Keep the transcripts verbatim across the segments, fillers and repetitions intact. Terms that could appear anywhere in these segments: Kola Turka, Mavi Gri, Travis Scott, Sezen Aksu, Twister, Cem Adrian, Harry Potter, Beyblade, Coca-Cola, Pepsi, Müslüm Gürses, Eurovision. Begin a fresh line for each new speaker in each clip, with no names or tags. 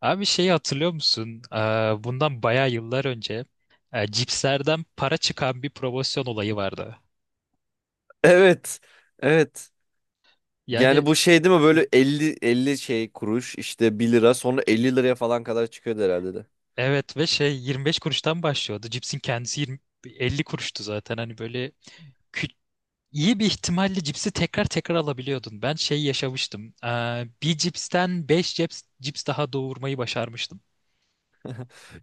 Abi şeyi hatırlıyor musun? Ee, Bundan bayağı yıllar önce e, cipslerden para çıkan bir promosyon olayı vardı.
Evet. Evet.
Yani
Yani bu şey değil mi? Böyle elli, elli şey kuruş, işte bir lira, sonra elli liraya falan kadar çıkıyordu herhalde de.
evet ve şey yirmi beş kuruştan başlıyordu. Cipsin kendisi yirmi, elli kuruştu zaten. Hani böyle kü- iyi bir ihtimalle cipsi tekrar tekrar alabiliyordun. Ben şey yaşamıştım. Ee, Bir cipsten beş cips, cips daha doğurmayı başarmıştım.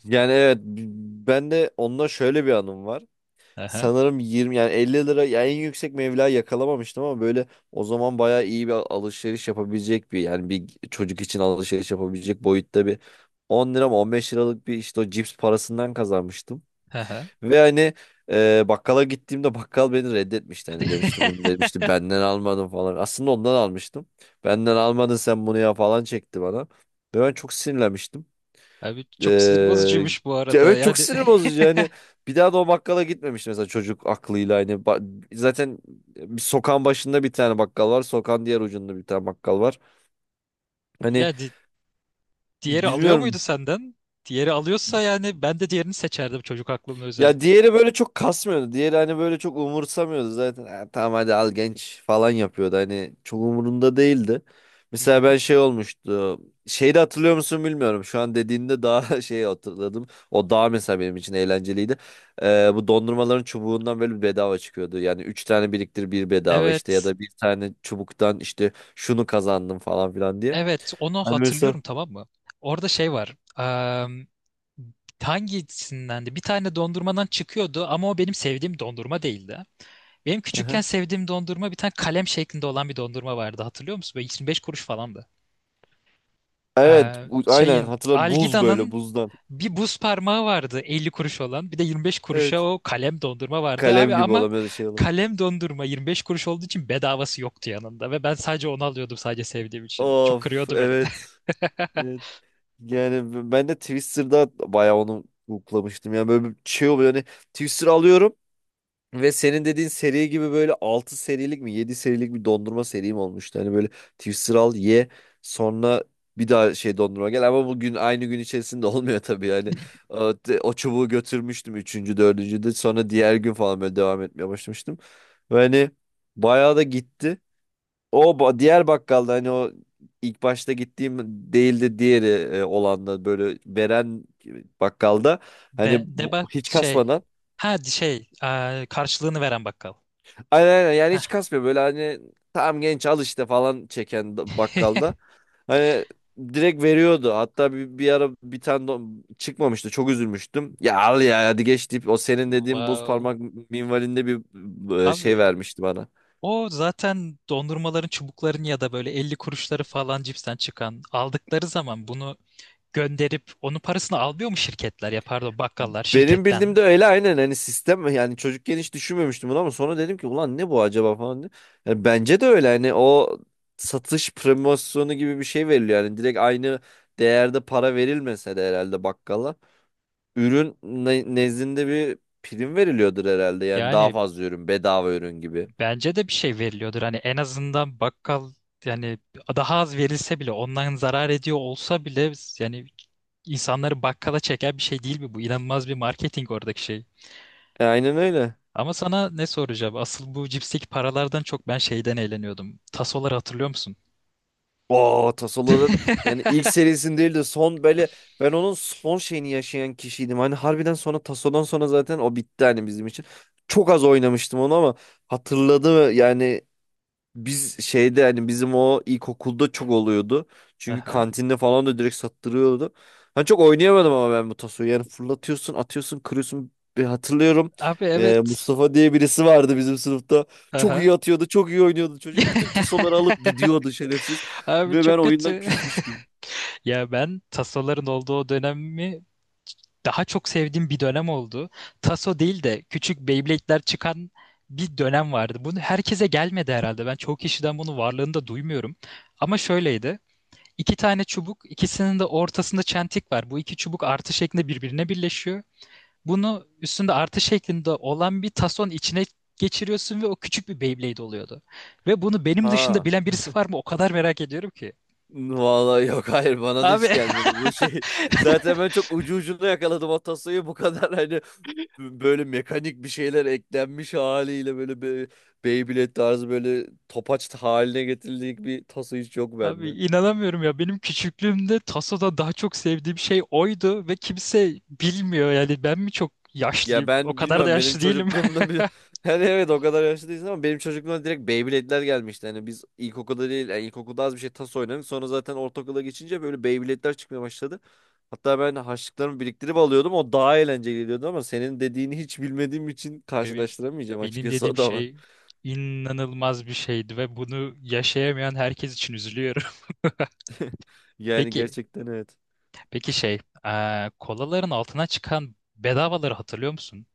Yani evet, b- ben de onunla şöyle bir anım var.
Aha,
Sanırım yirmi, yani elli lira, yani en yüksek meblağı yakalamamıştım, ama böyle o zaman bayağı iyi bir alışveriş yapabilecek bir, yani bir çocuk için alışveriş yapabilecek boyutta bir on lira mı on beş liralık bir, işte o cips parasından kazanmıştım.
aha.
Ve hani, e, bakkala gittiğimde bakkal beni reddetmişti. Hani demişti bunu, demişti benden almadın falan. Aslında ondan almıştım. Benden almadın sen bunu ya falan çekti bana. Ve ben çok sinirlenmiştim.
Abi çok sinir
E,
bozucuymuş bu arada.
evet, çok
Yani
sinir bozucu yani. Bir daha da o bakkala gitmemiş mesela çocuk aklıyla. Hani ba- zaten bir sokağın başında bir tane bakkal var, sokağın diğer ucunda bir tane bakkal var. Hani
yani diğeri alıyor muydu
bilmiyorum.
senden? Diğeri alıyorsa yani ben de diğerini seçerdim çocuk aklımda
Ya
özellikle.
diğeri böyle çok kasmıyordu, diğeri hani böyle çok umursamıyordu zaten. "Ha, tamam, hadi al genç," falan yapıyordu. Hani çok umurunda değildi.
Hı
Mesela
hı.
ben şey olmuştu. Şeyi de hatırlıyor musun bilmiyorum? Şu an dediğinde daha şey hatırladım. O daha mesela benim için eğlenceliydi. Ee, bu dondurmaların çubuğundan böyle bir bedava çıkıyordu. Yani üç tane biriktir bir bedava, işte ya
Evet.
da bir tane çubuktan işte şunu kazandım falan filan diye.
Evet onu
Hani mesela.
hatırlıyorum tamam mı? Orada şey var. Eee hangisinden de bir tane dondurmadan çıkıyordu ama o benim sevdiğim dondurma değildi. Benim küçükken
Aha.
sevdiğim dondurma bir tane kalem şeklinde olan bir dondurma vardı hatırlıyor musun? Böyle yirmi beş kuruş falandı.
Evet,
Ee,
bu- aynen
şeyin
hatırladım. Buz böyle,
Algida'nın
buzdan.
bir buz parmağı vardı elli kuruş olan. Bir de yirmi beş kuruşa
Evet.
o kalem dondurma vardı abi
Kalem gibi,
ama
olamıyor şey olan.
kalem dondurma yirmi beş kuruş olduğu için bedavası yoktu yanında ve ben sadece onu alıyordum sadece sevdiğim için. Çok
Of,
kırıyordu beni.
evet. Evet. Yani b- ben de Twister'da bayağı onu hoplamıştım. Yani böyle bir şey oluyor. Hani Twister alıyorum ve senin dediğin seri gibi böyle altı serilik mi yedi serilik bir dondurma serim olmuştu. Hani böyle Twister al ye, sonra bir daha şey dondurma gel, ama bugün aynı gün içerisinde olmuyor tabii yani. O, te- o çubuğu götürmüştüm üçüncü, dördüncü de, sonra diğer gün falan böyle devam etmeye başlamıştım. Ve hani bayağı da gitti. O ba- diğer bakkalda, hani o ilk başta gittiğim değildi diğeri, e, olan da böyle veren bakkalda,
Be
hani
ne
bu,
bak
hiç
şey.
kasmadan,
Ha şey, e, karşılığını veren bakkal.
aynen aynen, yani
Heh.
hiç kasmıyor böyle hani, tamam genç al işte falan çeken da- bakkalda, hani direkt veriyordu. Hatta bir, bir ara bir tane don- çıkmamıştı, çok üzülmüştüm, ya al ya hadi geç deyip o senin dediğin buz
Wow.
parmak minvalinde bir, e, şey
Abi
vermişti bana.
o zaten dondurmaların çubukların ya da böyle elli kuruşları falan cipsten çıkan aldıkları zaman bunu gönderip onun parasını almıyor mu şirketler ya pardon bakkallar
Benim
şirketten?
bildiğimde öyle, aynen, hani sistem yani. Çocukken hiç düşünmemiştim bunu, ama sonra dedim ki ulan ne bu acaba falan diye. Yani bence de öyle, hani o satış promosyonu gibi bir şey veriliyor yani, direkt aynı değerde para verilmese de herhalde bakkala ürün ne- nezdinde bir prim veriliyordur herhalde, yani daha
Yani
fazla ürün, bedava ürün gibi.
bence de bir şey veriliyordur. Hani en azından bakkal yani daha az verilse bile ondan zarar ediyor olsa bile yani insanları bakkala çeken bir şey değil mi bu? İnanılmaz bir marketing oradaki şey.
E, aynen öyle.
Ama sana ne soracağım? Asıl bu cipsteki paralardan çok ben şeyden eğleniyordum. Tasoları hatırlıyor musun?
O Tasoların, yani ilk serisinin değil de son böyle, ben onun son şeyini yaşayan kişiydim. Hani harbiden sonra Taso'dan sonra zaten o bitti hani bizim için. Çok az oynamıştım onu ama, hatırladı yani. Biz şeyde, hani bizim o ilkokulda çok oluyordu. Çünkü
Aha.
kantinde falan da direkt sattırıyordu. Ben çok oynayamadım ama, ben bu tasoyu. Yani fırlatıyorsun, atıyorsun, kırıyorsun. Bir hatırlıyorum.
Abi
e,
evet.
Mustafa diye birisi vardı bizim sınıfta. Çok
Aha.
iyi atıyordu, çok iyi oynuyordu çocuk. Bütün tasoları alıp gidiyordu şerefsiz.
Abi
Ve ben
çok
oyundan
kötü.
küsmüştüm.
Ya ben tasoların olduğu o dönemi daha çok sevdiğim bir dönem oldu. Taso değil de küçük Beyblade'ler çıkan bir dönem vardı. Bunu herkese gelmedi herhalde. Ben çoğu kişiden bunu varlığını da duymuyorum. Ama şöyleydi. İki tane çubuk, ikisinin de ortasında çentik var. Bu iki çubuk artı şeklinde birbirine birleşiyor. Bunu üstünde artı şeklinde olan bir tason içine geçiriyorsun ve o küçük bir Beyblade oluyordu. Ve bunu benim dışında
Ha.
bilen birisi var mı? O kadar merak ediyorum ki.
Vallahi yok, hayır, bana da
Abi
hiç gelmedi bu şey. Zaten ben çok ucu ucuna yakaladım o tasayı. Bu kadar hani, böyle mekanik bir şeyler eklenmiş haliyle, böyle be Beyblade tarzı böyle topaç haline getirildiği bir tası hiç yok
abi
bende.
inanamıyorum ya benim küçüklüğümde Taso'da daha çok sevdiğim şey oydu ve kimse bilmiyor yani ben mi çok
Ya
yaşlıyım o
ben
kadar da
bilmiyorum, benim
yaşlı değilim.
çocukluğumda bir hani evet, o kadar yaşlı değilsin, ama benim çocukluğumda direkt Beyblade'ler gelmişti. Hani biz ilkokulda değil, yani ilkokulda az bir şey tas oynadık, sonra zaten ortaokula geçince böyle Beyblade'ler çıkmaya başladı. Hatta ben harçlıklarımı biriktirip alıyordum. O daha eğlenceli geliyordu, ama senin dediğini hiç bilmediğim için
Benim
karşılaştıramayacağım
benim
açıkçası, o
dediğim
da var.
şey inanılmaz bir şeydi ve bunu yaşayamayan herkes için üzülüyorum.
Yani
Peki
gerçekten, evet.
peki şey, eee, kolaların altına çıkan bedavaları hatırlıyor musun?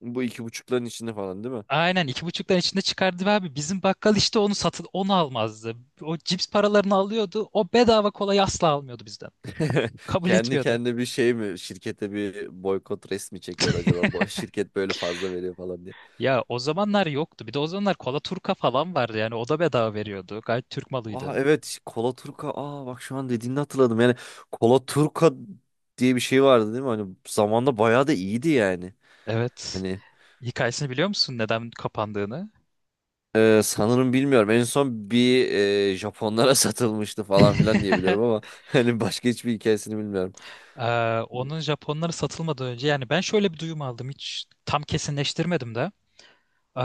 Bu iki buçukların içinde falan değil mi?
Aynen iki buçuktan içinde çıkardı ve abi bizim bakkal işte onu satın onu almazdı. O cips paralarını alıyordu o bedava kolayı asla almıyordu bizden. Kabul
Kendi
etmiyordu.
kendine bir şey mi? Şirkete bir boykot resmi çekiyordu acaba? Bu şirket böyle fazla veriyor falan diye.
Ya o zamanlar yoktu. Bir de o zamanlar Kola Turka falan vardı yani o da bedava veriyordu. Gayet Türk
Aa,
malıydı.
evet, Kola Turka. Aa, bak, şu an dediğini hatırladım. Yani Kola Turka diye bir şey vardı değil mi? Hani zamanda bayağı da iyiydi yani.
Evet.
Hani.
Hikayesini biliyor musun neden kapandığını?
Ee, sanırım bilmiyorum. En son bir, e, Japonlara satılmıştı falan filan diyebilirim ama, hani başka hiçbir hikayesini bilmiyorum.
Ee, onun Japonlara satılmadan önce yani ben şöyle bir duyum aldım hiç tam kesinleştirmedim de. Ee,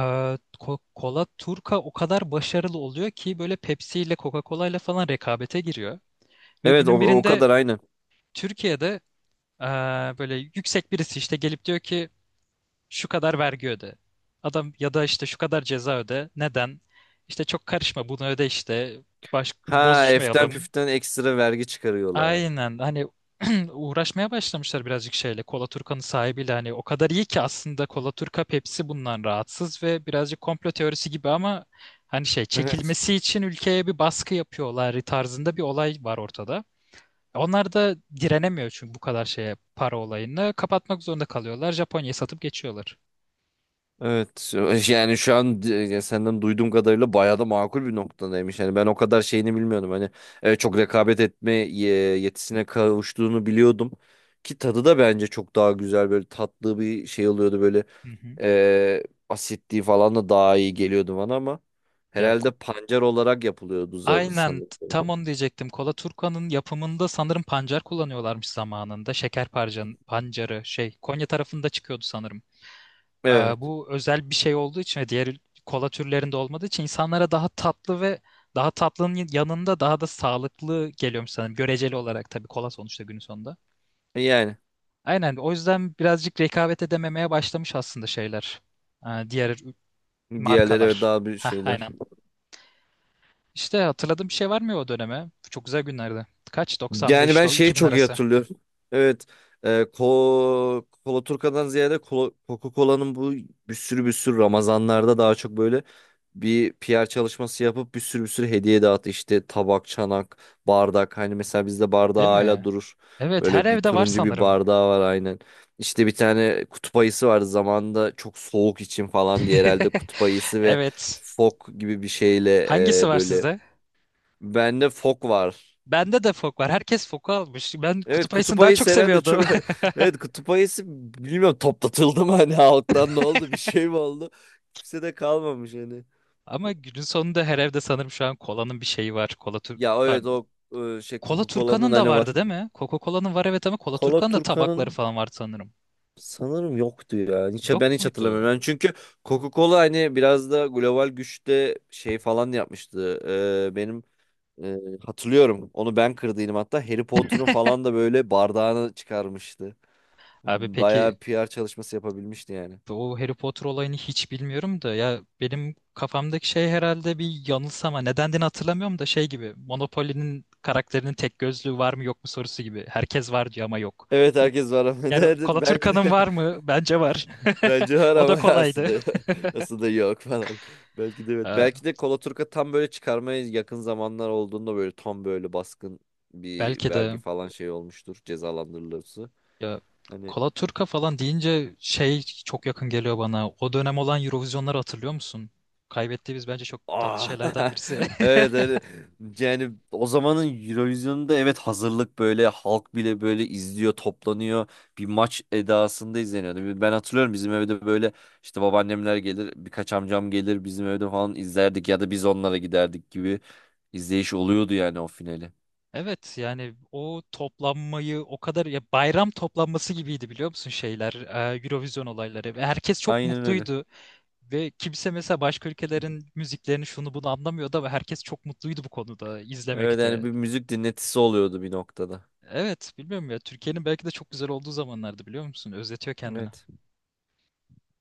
Ko- Kola Turka o kadar başarılı oluyor ki böyle Pepsi ile Coca-Cola ile falan rekabete giriyor. Ve
Evet o,
günün
o
birinde
kadar aynı.
Türkiye'de ee, böyle yüksek birisi işte gelip diyor ki şu kadar vergi öde. Adam ya da işte şu kadar ceza öde. Neden? İşte çok karışma bunu öde işte. Baş,
Ha, eften
bozuşmayalım.
püften ekstra vergi çıkarıyorlar.
Aynen hani uğraşmaya başlamışlar birazcık şeyle. Kola Turkan'ın sahibiyle hani o kadar iyi ki aslında Kola Turka Pepsi bundan rahatsız ve birazcık komplo teorisi gibi ama hani şey
Evet.
çekilmesi için ülkeye bir baskı yapıyorlar tarzında bir olay var ortada. Onlar da direnemiyor çünkü bu kadar şeye para olayını. Kapatmak zorunda kalıyorlar. Japonya'yı satıp geçiyorlar.
Evet yani şu an, e, ya senden duyduğum kadarıyla bayağı da makul bir noktadaymış. Yani ben o kadar şeyini bilmiyordum. Hani, e, çok rekabet etme, e, yetisine kavuştuğunu biliyordum. Ki tadı da bence çok daha güzel, böyle tatlı bir şey oluyordu böyle.
Hı hı.
Ee, asitliği falan da daha iyi geliyordu bana, ama
Ya
herhalde
ko-
pancar olarak yapılıyordu za-
Aynen
sanırım.
t- tam onu diyecektim. Kola Turkan'ın yapımında sanırım pancar kullanıyorlarmış zamanında. Şeker parcan, pancarı şey Konya tarafında çıkıyordu sanırım. Ee,
Evet.
bu özel bir şey olduğu için ve diğer kola türlerinde olmadığı için insanlara daha tatlı ve daha tatlının yanında daha da sağlıklı geliyormuş sanırım. Göreceli olarak tabii kola sonuçta günün sonunda.
Yani
Aynen o yüzden birazcık rekabet edememeye başlamış aslında şeyler. Ee, diğer
diğerleri, evet,
markalar.
daha bir
Hah
şeyler.
aynen. İşte hatırladığım bir şey var mı o döneme? Çok güzel günlerdi. Kaç?
Yani
doksan beş
ben
do-
şeyi
iki bin
çok iyi
arası.
hatırlıyorum. Evet. E, Ko Kola Turka'dan ziyade Kola- Coca-Cola'nın bu bir sürü bir sürü Ramazanlarda daha çok böyle bir P R çalışması yapıp bir sürü bir sürü hediye dağıt, işte tabak, çanak, bardak, hani mesela bizde bardağı
Değil
hala
mi?
durur.
Evet, her
Böyle bir
evde var
turuncu bir
sanırım.
bardağı var aynen. İşte bir tane kutup ayısı vardı zamanında, çok soğuk için falan diye herhalde, kutup ayısı ve
Evet.
fok gibi bir şeyle,
Hangisi
e,
var
böyle
sizde?
bende fok var.
Bende de fok var. Herkes foku almış. Ben
Evet,
kutup ayısını
kutup
daha çok
ayısı herhalde
seviyordum.
çok evet kutup ayısı, bilmiyorum toplatıldı mı hani halktan, ne oldu, bir şey mi oldu, kimse de kalmamış hani.
Ama günün sonunda her evde sanırım şu an kolanın bir şeyi var. Kola tur
Ya evet
pardon.
o, e, şey,
Kola
Coca-Cola'nın
Turkan'ın da
hani var.
vardı değil mi? Coca-Cola'nın var evet ama Kola
Kola
Turkan'ın da tabakları
Turkan'ın
falan vardı sanırım.
sanırım yoktu ya. Hiç, ben
Yok
hiç hatırlamıyorum.
muydu?
Yani çünkü Coca-Cola hani biraz da global güçte şey falan yapmıştı. Ee, benim, e, hatırlıyorum. Onu ben kırdıydım hatta. Harry Potter'ın falan da böyle bardağını çıkarmıştı.
Abi peki
Bayağı P R çalışması yapabilmişti yani.
o Harry Potter olayını hiç bilmiyorum da ya benim kafamdaki şey herhalde bir yanılsama. Nedendiğini hatırlamıyorum da şey gibi Monopoly'nin karakterinin tek gözlüğü var mı yok mu sorusu gibi. Herkes var diyor ama yok.
Evet,
Ne-
herkes var ama
yani
derdi. Belki
Kalaturka'nın
de.
var mı? Bence var.
Bence var
O
ama
da kolaydı.
aslında, aslında yok falan. Belki de evet.
Ee,
Belki de Kolaturka tam böyle çıkarmaya yakın zamanlar olduğunda böyle tam böyle baskın bir
belki
vergi
de
falan şey olmuştur. Cezalandırılırsa.
ya
Hani.
Kalaturka falan deyince şey çok yakın geliyor bana. O dönem olan Eurovision'ları hatırlıyor musun? Kaybettiğimiz bence çok tatlı
Aa,
şeylerden birisi.
evet, evet. Yani o zamanın Eurovision'da evet, hazırlık, böyle halk bile böyle izliyor, toplanıyor, bir maç edasında izleniyordu. Ben hatırlıyorum bizim evde böyle, işte babaannemler gelir, birkaç amcam gelir, bizim evde falan izlerdik, ya da biz onlara giderdik gibi izleyiş oluyordu yani o finali.
Evet yani o toplanmayı o kadar ya bayram toplanması gibiydi biliyor musun şeyler, e, Eurovision olayları ve herkes çok
Aynen öyle.
mutluydu ve kimse mesela başka ülkelerin müziklerini şunu bunu anlamıyordu ama herkes çok mutluydu bu konuda
Evet yani
izlemekte.
bir müzik dinletisi oluyordu bir noktada.
Evet bilmiyorum ya Türkiye'nin belki de çok güzel olduğu zamanlardı biliyor musun? Özletiyor kendini.
Evet.